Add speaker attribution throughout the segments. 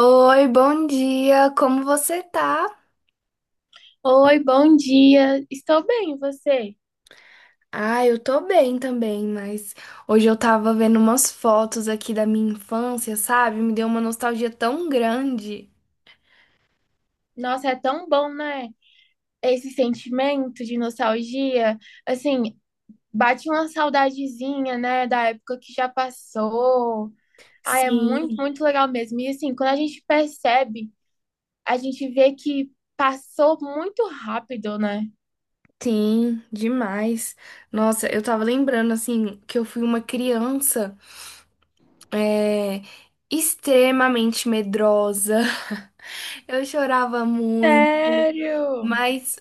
Speaker 1: Oi, bom dia, como você tá?
Speaker 2: Oi, bom dia. Estou bem, e você?
Speaker 1: Ah, eu tô bem também, mas hoje eu tava vendo umas fotos aqui da minha infância, sabe? Me deu uma nostalgia tão grande.
Speaker 2: Nossa, é tão bom, né? Esse sentimento de nostalgia, assim, bate uma saudadezinha, né, da época que já passou. Ah, é muito,
Speaker 1: Sim.
Speaker 2: muito legal mesmo. E assim, quando a gente percebe, a gente vê que passou muito rápido, né?
Speaker 1: Sim, demais. Nossa, eu tava lembrando, assim, que eu fui uma criança, é, extremamente medrosa. Eu chorava muito.
Speaker 2: Sério?
Speaker 1: Mas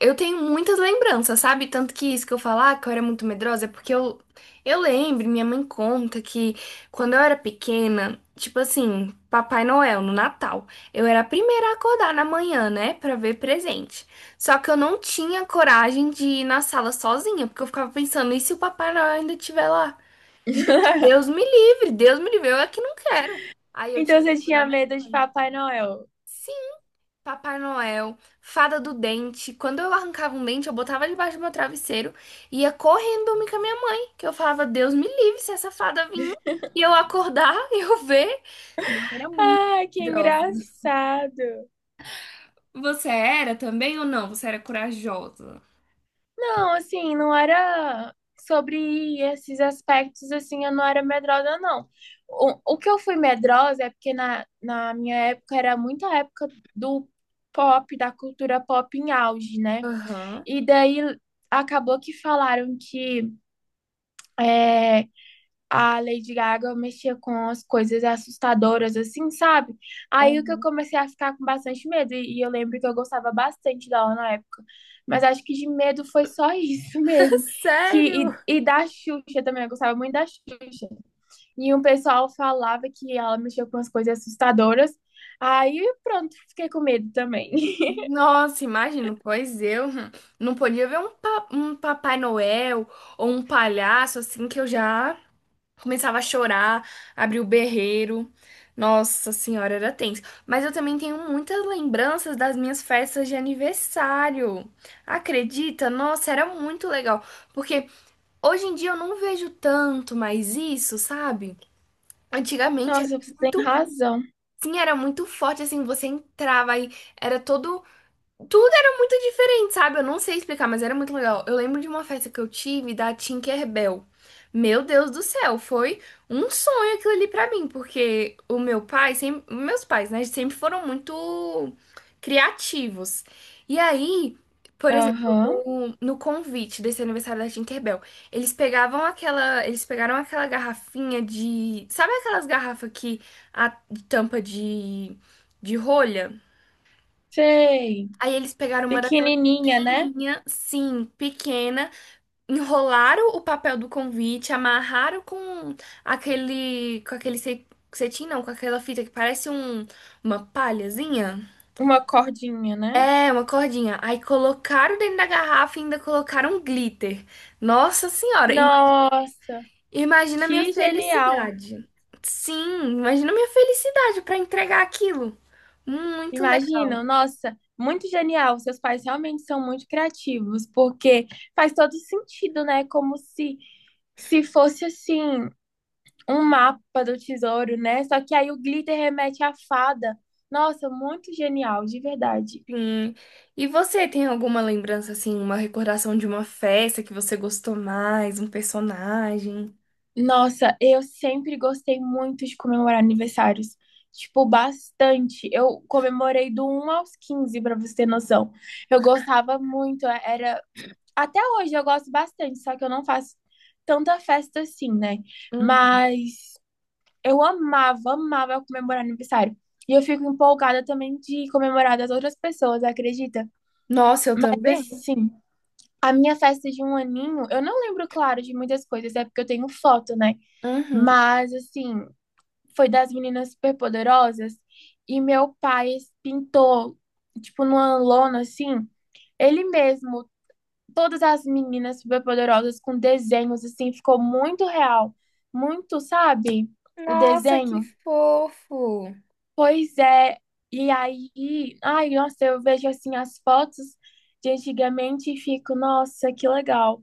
Speaker 1: eu tenho muitas lembranças, sabe? Tanto que isso que eu falar que eu era muito medrosa é porque eu lembro, minha mãe conta que quando eu era pequena, tipo assim, Papai Noel no Natal, eu era a primeira a acordar na manhã, né, pra ver presente. Só que eu não tinha coragem de ir na sala sozinha, porque eu ficava pensando, e se o Papai Noel ainda estiver lá? Gente, Deus me livre, eu é que não quero. Aí eu tinha
Speaker 2: Então
Speaker 1: que
Speaker 2: você
Speaker 1: acordar
Speaker 2: tinha
Speaker 1: minha
Speaker 2: medo de
Speaker 1: mãe.
Speaker 2: Papai Noel?
Speaker 1: Papai Noel, Fada do Dente. Quando eu arrancava um dente, eu botava debaixo do meu travesseiro e ia correndo dormir com a minha mãe, que eu falava, Deus me livre se essa fada vir e eu acordar e eu ver. Eu era muito
Speaker 2: Ai, que
Speaker 1: medrosa.
Speaker 2: engraçado.
Speaker 1: Você era também ou não? Você era corajosa?
Speaker 2: Não, assim, não era sobre esses aspectos, assim, eu não era medrosa, não. O que eu fui medrosa é porque na minha época era muita época do pop, da cultura pop em auge, né?
Speaker 1: Aham.
Speaker 2: E daí acabou que falaram que é, a Lady Gaga mexia com as coisas assustadoras, assim, sabe? Aí o que eu
Speaker 1: Uhum.
Speaker 2: comecei a ficar com bastante medo, e eu lembro que eu gostava bastante dela na época. Mas acho que de medo foi só isso mesmo.
Speaker 1: Sério?
Speaker 2: Que, e da Xuxa também, eu gostava muito da Xuxa. E um pessoal falava que ela mexia com as coisas assustadoras. Aí pronto, fiquei com medo também.
Speaker 1: Nossa, imagino, pois eu não podia ver um, um Papai Noel ou um palhaço assim que eu já começava a chorar, abria o berreiro. Nossa senhora, era tenso. Mas eu também tenho muitas lembranças das minhas festas de aniversário. Acredita? Nossa, era muito legal. Porque hoje em dia eu não vejo tanto mais isso, sabe? Antigamente era
Speaker 2: Nossa, você tem
Speaker 1: muito.
Speaker 2: razão.
Speaker 1: Sim, era muito forte, assim, você entrava aí, era todo tudo era muito diferente, sabe? Eu não sei explicar, mas era muito legal. Eu lembro de uma festa que eu tive da Tinkerbell. Meu Deus do céu, foi um sonho aquilo ali pra mim, porque o meu pai, sempre, meus pais, né, sempre foram muito criativos. E aí, por exemplo,
Speaker 2: Aham,
Speaker 1: no convite desse aniversário da Tinkerbell, eles pegaram aquela garrafinha de, sabe aquelas garrafas que a tampa de rolha?
Speaker 2: sei.
Speaker 1: Aí eles pegaram uma daquelas
Speaker 2: Pequenininha, né?
Speaker 1: minha, sim, pequena. Enrolaram o papel do convite, amarraram com aquele cetim, não, com aquela fita que parece um, uma palhazinha.
Speaker 2: Uma cordinha, né?
Speaker 1: É, uma cordinha. Aí colocaram dentro da garrafa e ainda colocaram um glitter. Nossa Senhora,
Speaker 2: Nossa,
Speaker 1: imagina a minha
Speaker 2: que genial!
Speaker 1: felicidade. Sim, imagina a minha felicidade para entregar aquilo. Muito legal.
Speaker 2: Imagina, nossa, muito genial. Seus pais realmente são muito criativos, porque faz todo sentido, né? Como se se fosse assim um mapa do tesouro, né? Só que aí o glitter remete à fada. Nossa, muito genial, de verdade.
Speaker 1: Sim. E você tem alguma lembrança, assim, uma recordação de uma festa que você gostou mais, um personagem?
Speaker 2: Nossa, eu sempre gostei muito de comemorar aniversários. Tipo, bastante. Eu comemorei do um aos 15, pra você ter noção. Eu gostava muito, era. Até hoje eu gosto bastante, só que eu não faço tanta festa assim, né?
Speaker 1: Hum.
Speaker 2: Mas eu amava, amava comemorar aniversário. E eu fico empolgada também de comemorar das outras pessoas, acredita?
Speaker 1: Nossa, eu
Speaker 2: Mas
Speaker 1: também?
Speaker 2: assim, a minha festa de um aninho, eu não lembro, claro, de muitas coisas, é porque eu tenho foto, né?
Speaker 1: Uhum.
Speaker 2: Mas assim, foi das meninas superpoderosas e meu pai pintou, tipo, numa lona assim, ele mesmo todas as meninas superpoderosas com desenhos, assim, ficou muito real. Muito, sabe? O
Speaker 1: Nossa, que
Speaker 2: desenho.
Speaker 1: fofo!
Speaker 2: Pois é. E aí, ai, nossa, eu vejo assim as fotos de antigamente e fico, nossa, que legal.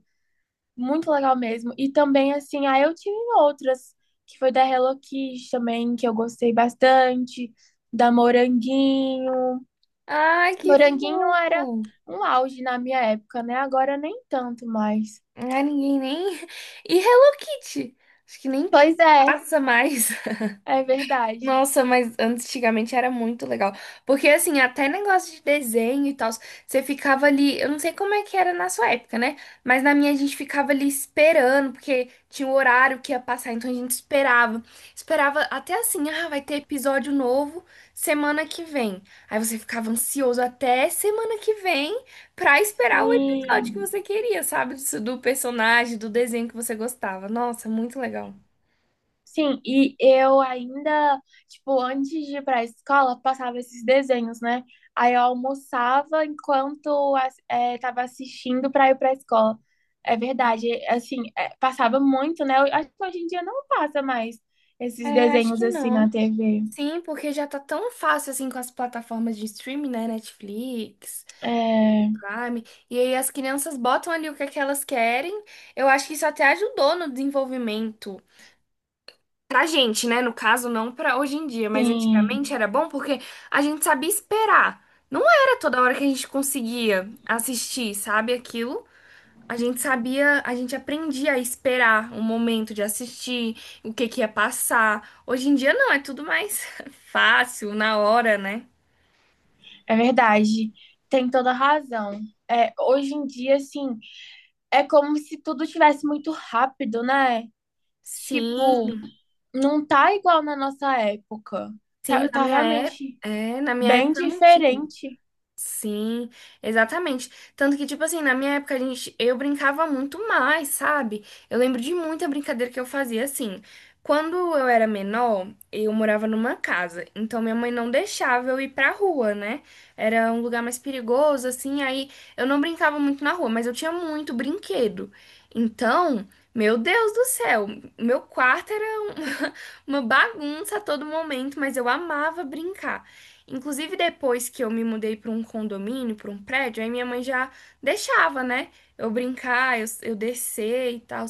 Speaker 2: Muito legal mesmo. E também, assim, aí eu tive outras, que foi da Hello Kitty também, que eu gostei bastante, da Moranguinho.
Speaker 1: Ai, que
Speaker 2: Moranguinho era
Speaker 1: fofo!
Speaker 2: um auge na minha época, né? Agora nem tanto mais.
Speaker 1: Ai, ninguém nem. E Hello Kitty? Acho que nem
Speaker 2: Pois é.
Speaker 1: passa mais.
Speaker 2: É verdade.
Speaker 1: Nossa, mas antigamente era muito legal. Porque, assim, até negócio de desenho e tal, você ficava ali. Eu não sei como é que era na sua época, né? Mas na minha a gente ficava ali esperando, porque tinha o horário que ia passar, então a gente esperava. Esperava até assim, ah, vai ter episódio novo semana que vem. Aí você ficava ansioso até semana que vem pra esperar o episódio que
Speaker 2: Sim.
Speaker 1: você queria, sabe? Do personagem, do desenho que você gostava. Nossa, muito legal.
Speaker 2: Sim, e eu ainda, tipo, antes de ir pra escola, passava esses desenhos, né? Aí eu almoçava enquanto tava assistindo pra ir pra escola. É verdade, assim, passava muito, né? Eu acho que hoje em dia não passa mais esses
Speaker 1: É, acho
Speaker 2: desenhos
Speaker 1: que
Speaker 2: assim na
Speaker 1: não.
Speaker 2: TV.
Speaker 1: Sim, porque já tá tão fácil assim com as plataformas de streaming, né? Netflix,
Speaker 2: É,
Speaker 1: Prime. E aí as crianças botam ali o que é que elas querem. Eu acho que isso até ajudou no desenvolvimento. Pra gente, né? No caso, não pra hoje em dia, mas
Speaker 2: sim,
Speaker 1: antigamente era bom porque a gente sabia esperar. Não era toda hora que a gente conseguia assistir, sabe? Aquilo. A gente sabia, a gente aprendia a esperar o momento de assistir, o que que ia passar. Hoje em dia não, é tudo mais fácil, na hora, né?
Speaker 2: é verdade. Tem toda razão. É, hoje em dia, assim, é como se tudo tivesse muito rápido, né? Tipo,
Speaker 1: Sim,
Speaker 2: não tá igual na nossa época.
Speaker 1: sim,
Speaker 2: Tá,
Speaker 1: na
Speaker 2: tá
Speaker 1: minha época,
Speaker 2: realmente
Speaker 1: é, na minha
Speaker 2: bem
Speaker 1: época não tinha.
Speaker 2: diferente.
Speaker 1: Sim, exatamente. Tanto que, tipo assim, na minha época, eu brincava muito mais, sabe? Eu lembro de muita brincadeira que eu fazia assim. Quando eu era menor, eu morava numa casa, então minha mãe não deixava eu ir pra rua, né? Era um lugar mais perigoso, assim, aí eu não brincava muito na rua, mas eu tinha muito brinquedo. Então, meu Deus do céu, meu quarto era uma bagunça a todo momento, mas eu amava brincar. Inclusive, depois que eu me mudei para um condomínio, para um prédio, aí minha mãe já deixava, né? Eu brincar, eu descer e tal.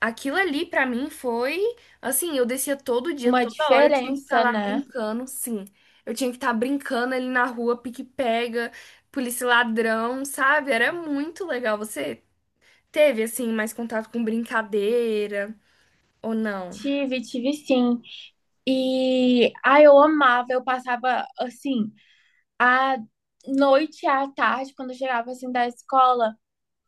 Speaker 1: Aquilo ali para mim foi assim, eu descia todo dia,
Speaker 2: Uma
Speaker 1: toda hora eu tinha que estar
Speaker 2: diferença,
Speaker 1: lá
Speaker 2: né?
Speaker 1: brincando, sim. Eu tinha que estar brincando ali na rua, pique-pega, polícia e ladrão, sabe? Era muito legal. Você teve assim mais contato com brincadeira ou não?
Speaker 2: Tive, tive sim. E ai, eu amava, eu passava assim, a noite à tarde, quando eu chegava assim da escola,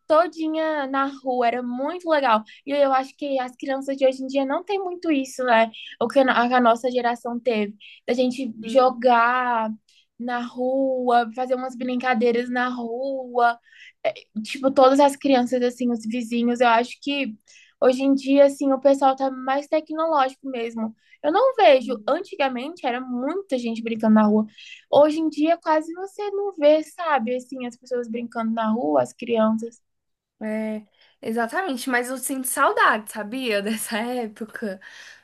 Speaker 2: todinha na rua, era muito legal. E eu acho que as crianças de hoje em dia não tem muito isso, né? O que a nossa geração teve, da gente jogar na rua, fazer umas brincadeiras na rua, tipo, todas as crianças assim, os vizinhos, eu acho que hoje em dia assim, o pessoal tá mais tecnológico mesmo. Eu não vejo, antigamente era muita gente brincando na rua. Hoje em dia quase você não vê, sabe, assim, as pessoas brincando na rua, as crianças.
Speaker 1: É, exatamente, mas eu sinto saudade, sabia? Dessa época.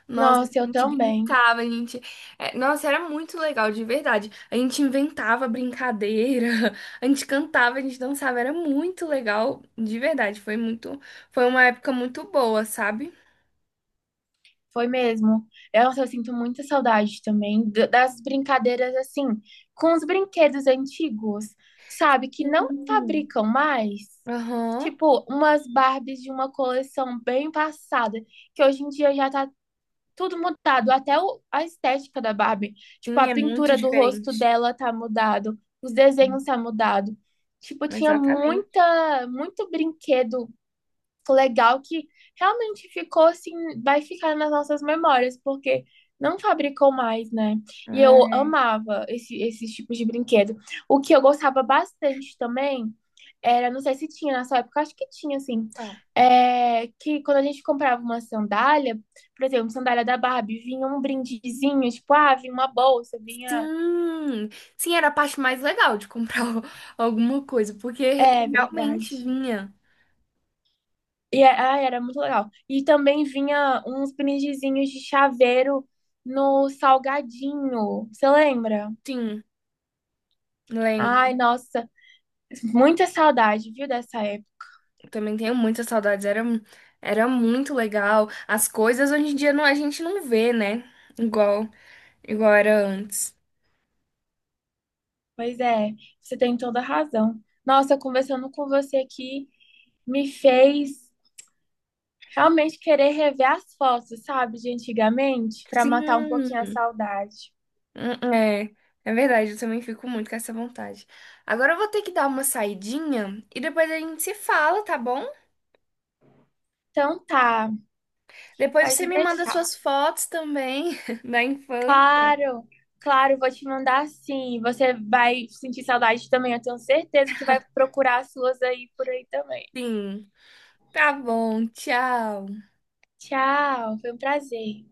Speaker 1: Nossa, a
Speaker 2: Nossa, eu
Speaker 1: gente
Speaker 2: também.
Speaker 1: brincava, a gente. É, nossa, era muito legal, de verdade. A gente inventava brincadeira, a gente cantava, a gente dançava, era muito legal, de verdade. Foi muito. Foi uma época muito boa, sabe?
Speaker 2: Foi mesmo. Eu sinto muita saudade também das brincadeiras assim, com os brinquedos antigos, sabe? Que não
Speaker 1: Sim.
Speaker 2: fabricam mais.
Speaker 1: Aham.
Speaker 2: Tipo, umas Barbies de uma coleção bem passada, que hoje em dia já tá tudo mudado, até a estética da Barbie. Tipo,
Speaker 1: Sim,
Speaker 2: a
Speaker 1: é muito
Speaker 2: pintura do rosto
Speaker 1: diferente.
Speaker 2: dela tá mudado, os desenhos tá mudado. Tipo, tinha
Speaker 1: Exatamente.
Speaker 2: muita, muito brinquedo legal que realmente ficou assim, vai ficar nas nossas memórias, porque não fabricou mais, né? E eu
Speaker 1: É.
Speaker 2: amava esse, esses tipos de brinquedo. O que eu gostava bastante também era, não sei se tinha na sua época, acho que tinha, assim,
Speaker 1: Tá.
Speaker 2: é, que quando a gente comprava uma sandália, por exemplo, sandália da Barbie, vinha um brindezinho, tipo, ah, vinha uma bolsa, vinha.
Speaker 1: Sim, sim, era a parte mais legal de comprar alguma coisa, porque
Speaker 2: É
Speaker 1: realmente
Speaker 2: verdade.
Speaker 1: vinha.
Speaker 2: E ai, era muito legal. E também vinha uns brindezinhos de chaveiro no salgadinho. Você lembra?
Speaker 1: Sim,
Speaker 2: Ai,
Speaker 1: lembro.
Speaker 2: nossa, muita saudade, viu, dessa época.
Speaker 1: Também tenho muitas saudades. Era, era muito legal. As coisas hoje em dia não, a gente não vê, né? Igual, igual era antes.
Speaker 2: Pois é, você tem toda a razão. Nossa, conversando com você aqui me fez realmente querer rever as fotos, sabe, de antigamente, para
Speaker 1: Sim,
Speaker 2: matar um pouquinho a saudade.
Speaker 1: é, é verdade. Eu também fico muito com essa vontade. Agora eu vou ter que dar uma saidinha e depois a gente se fala, tá bom?
Speaker 2: Então tá,
Speaker 1: Depois você
Speaker 2: pode
Speaker 1: me manda
Speaker 2: deixar.
Speaker 1: suas fotos também da infância.
Speaker 2: Claro, claro, vou te mandar sim. Você vai sentir saudade também. Eu tenho certeza que vai procurar as suas aí por aí também.
Speaker 1: Sim. Tá bom, tchau.
Speaker 2: Tchau, foi um prazer.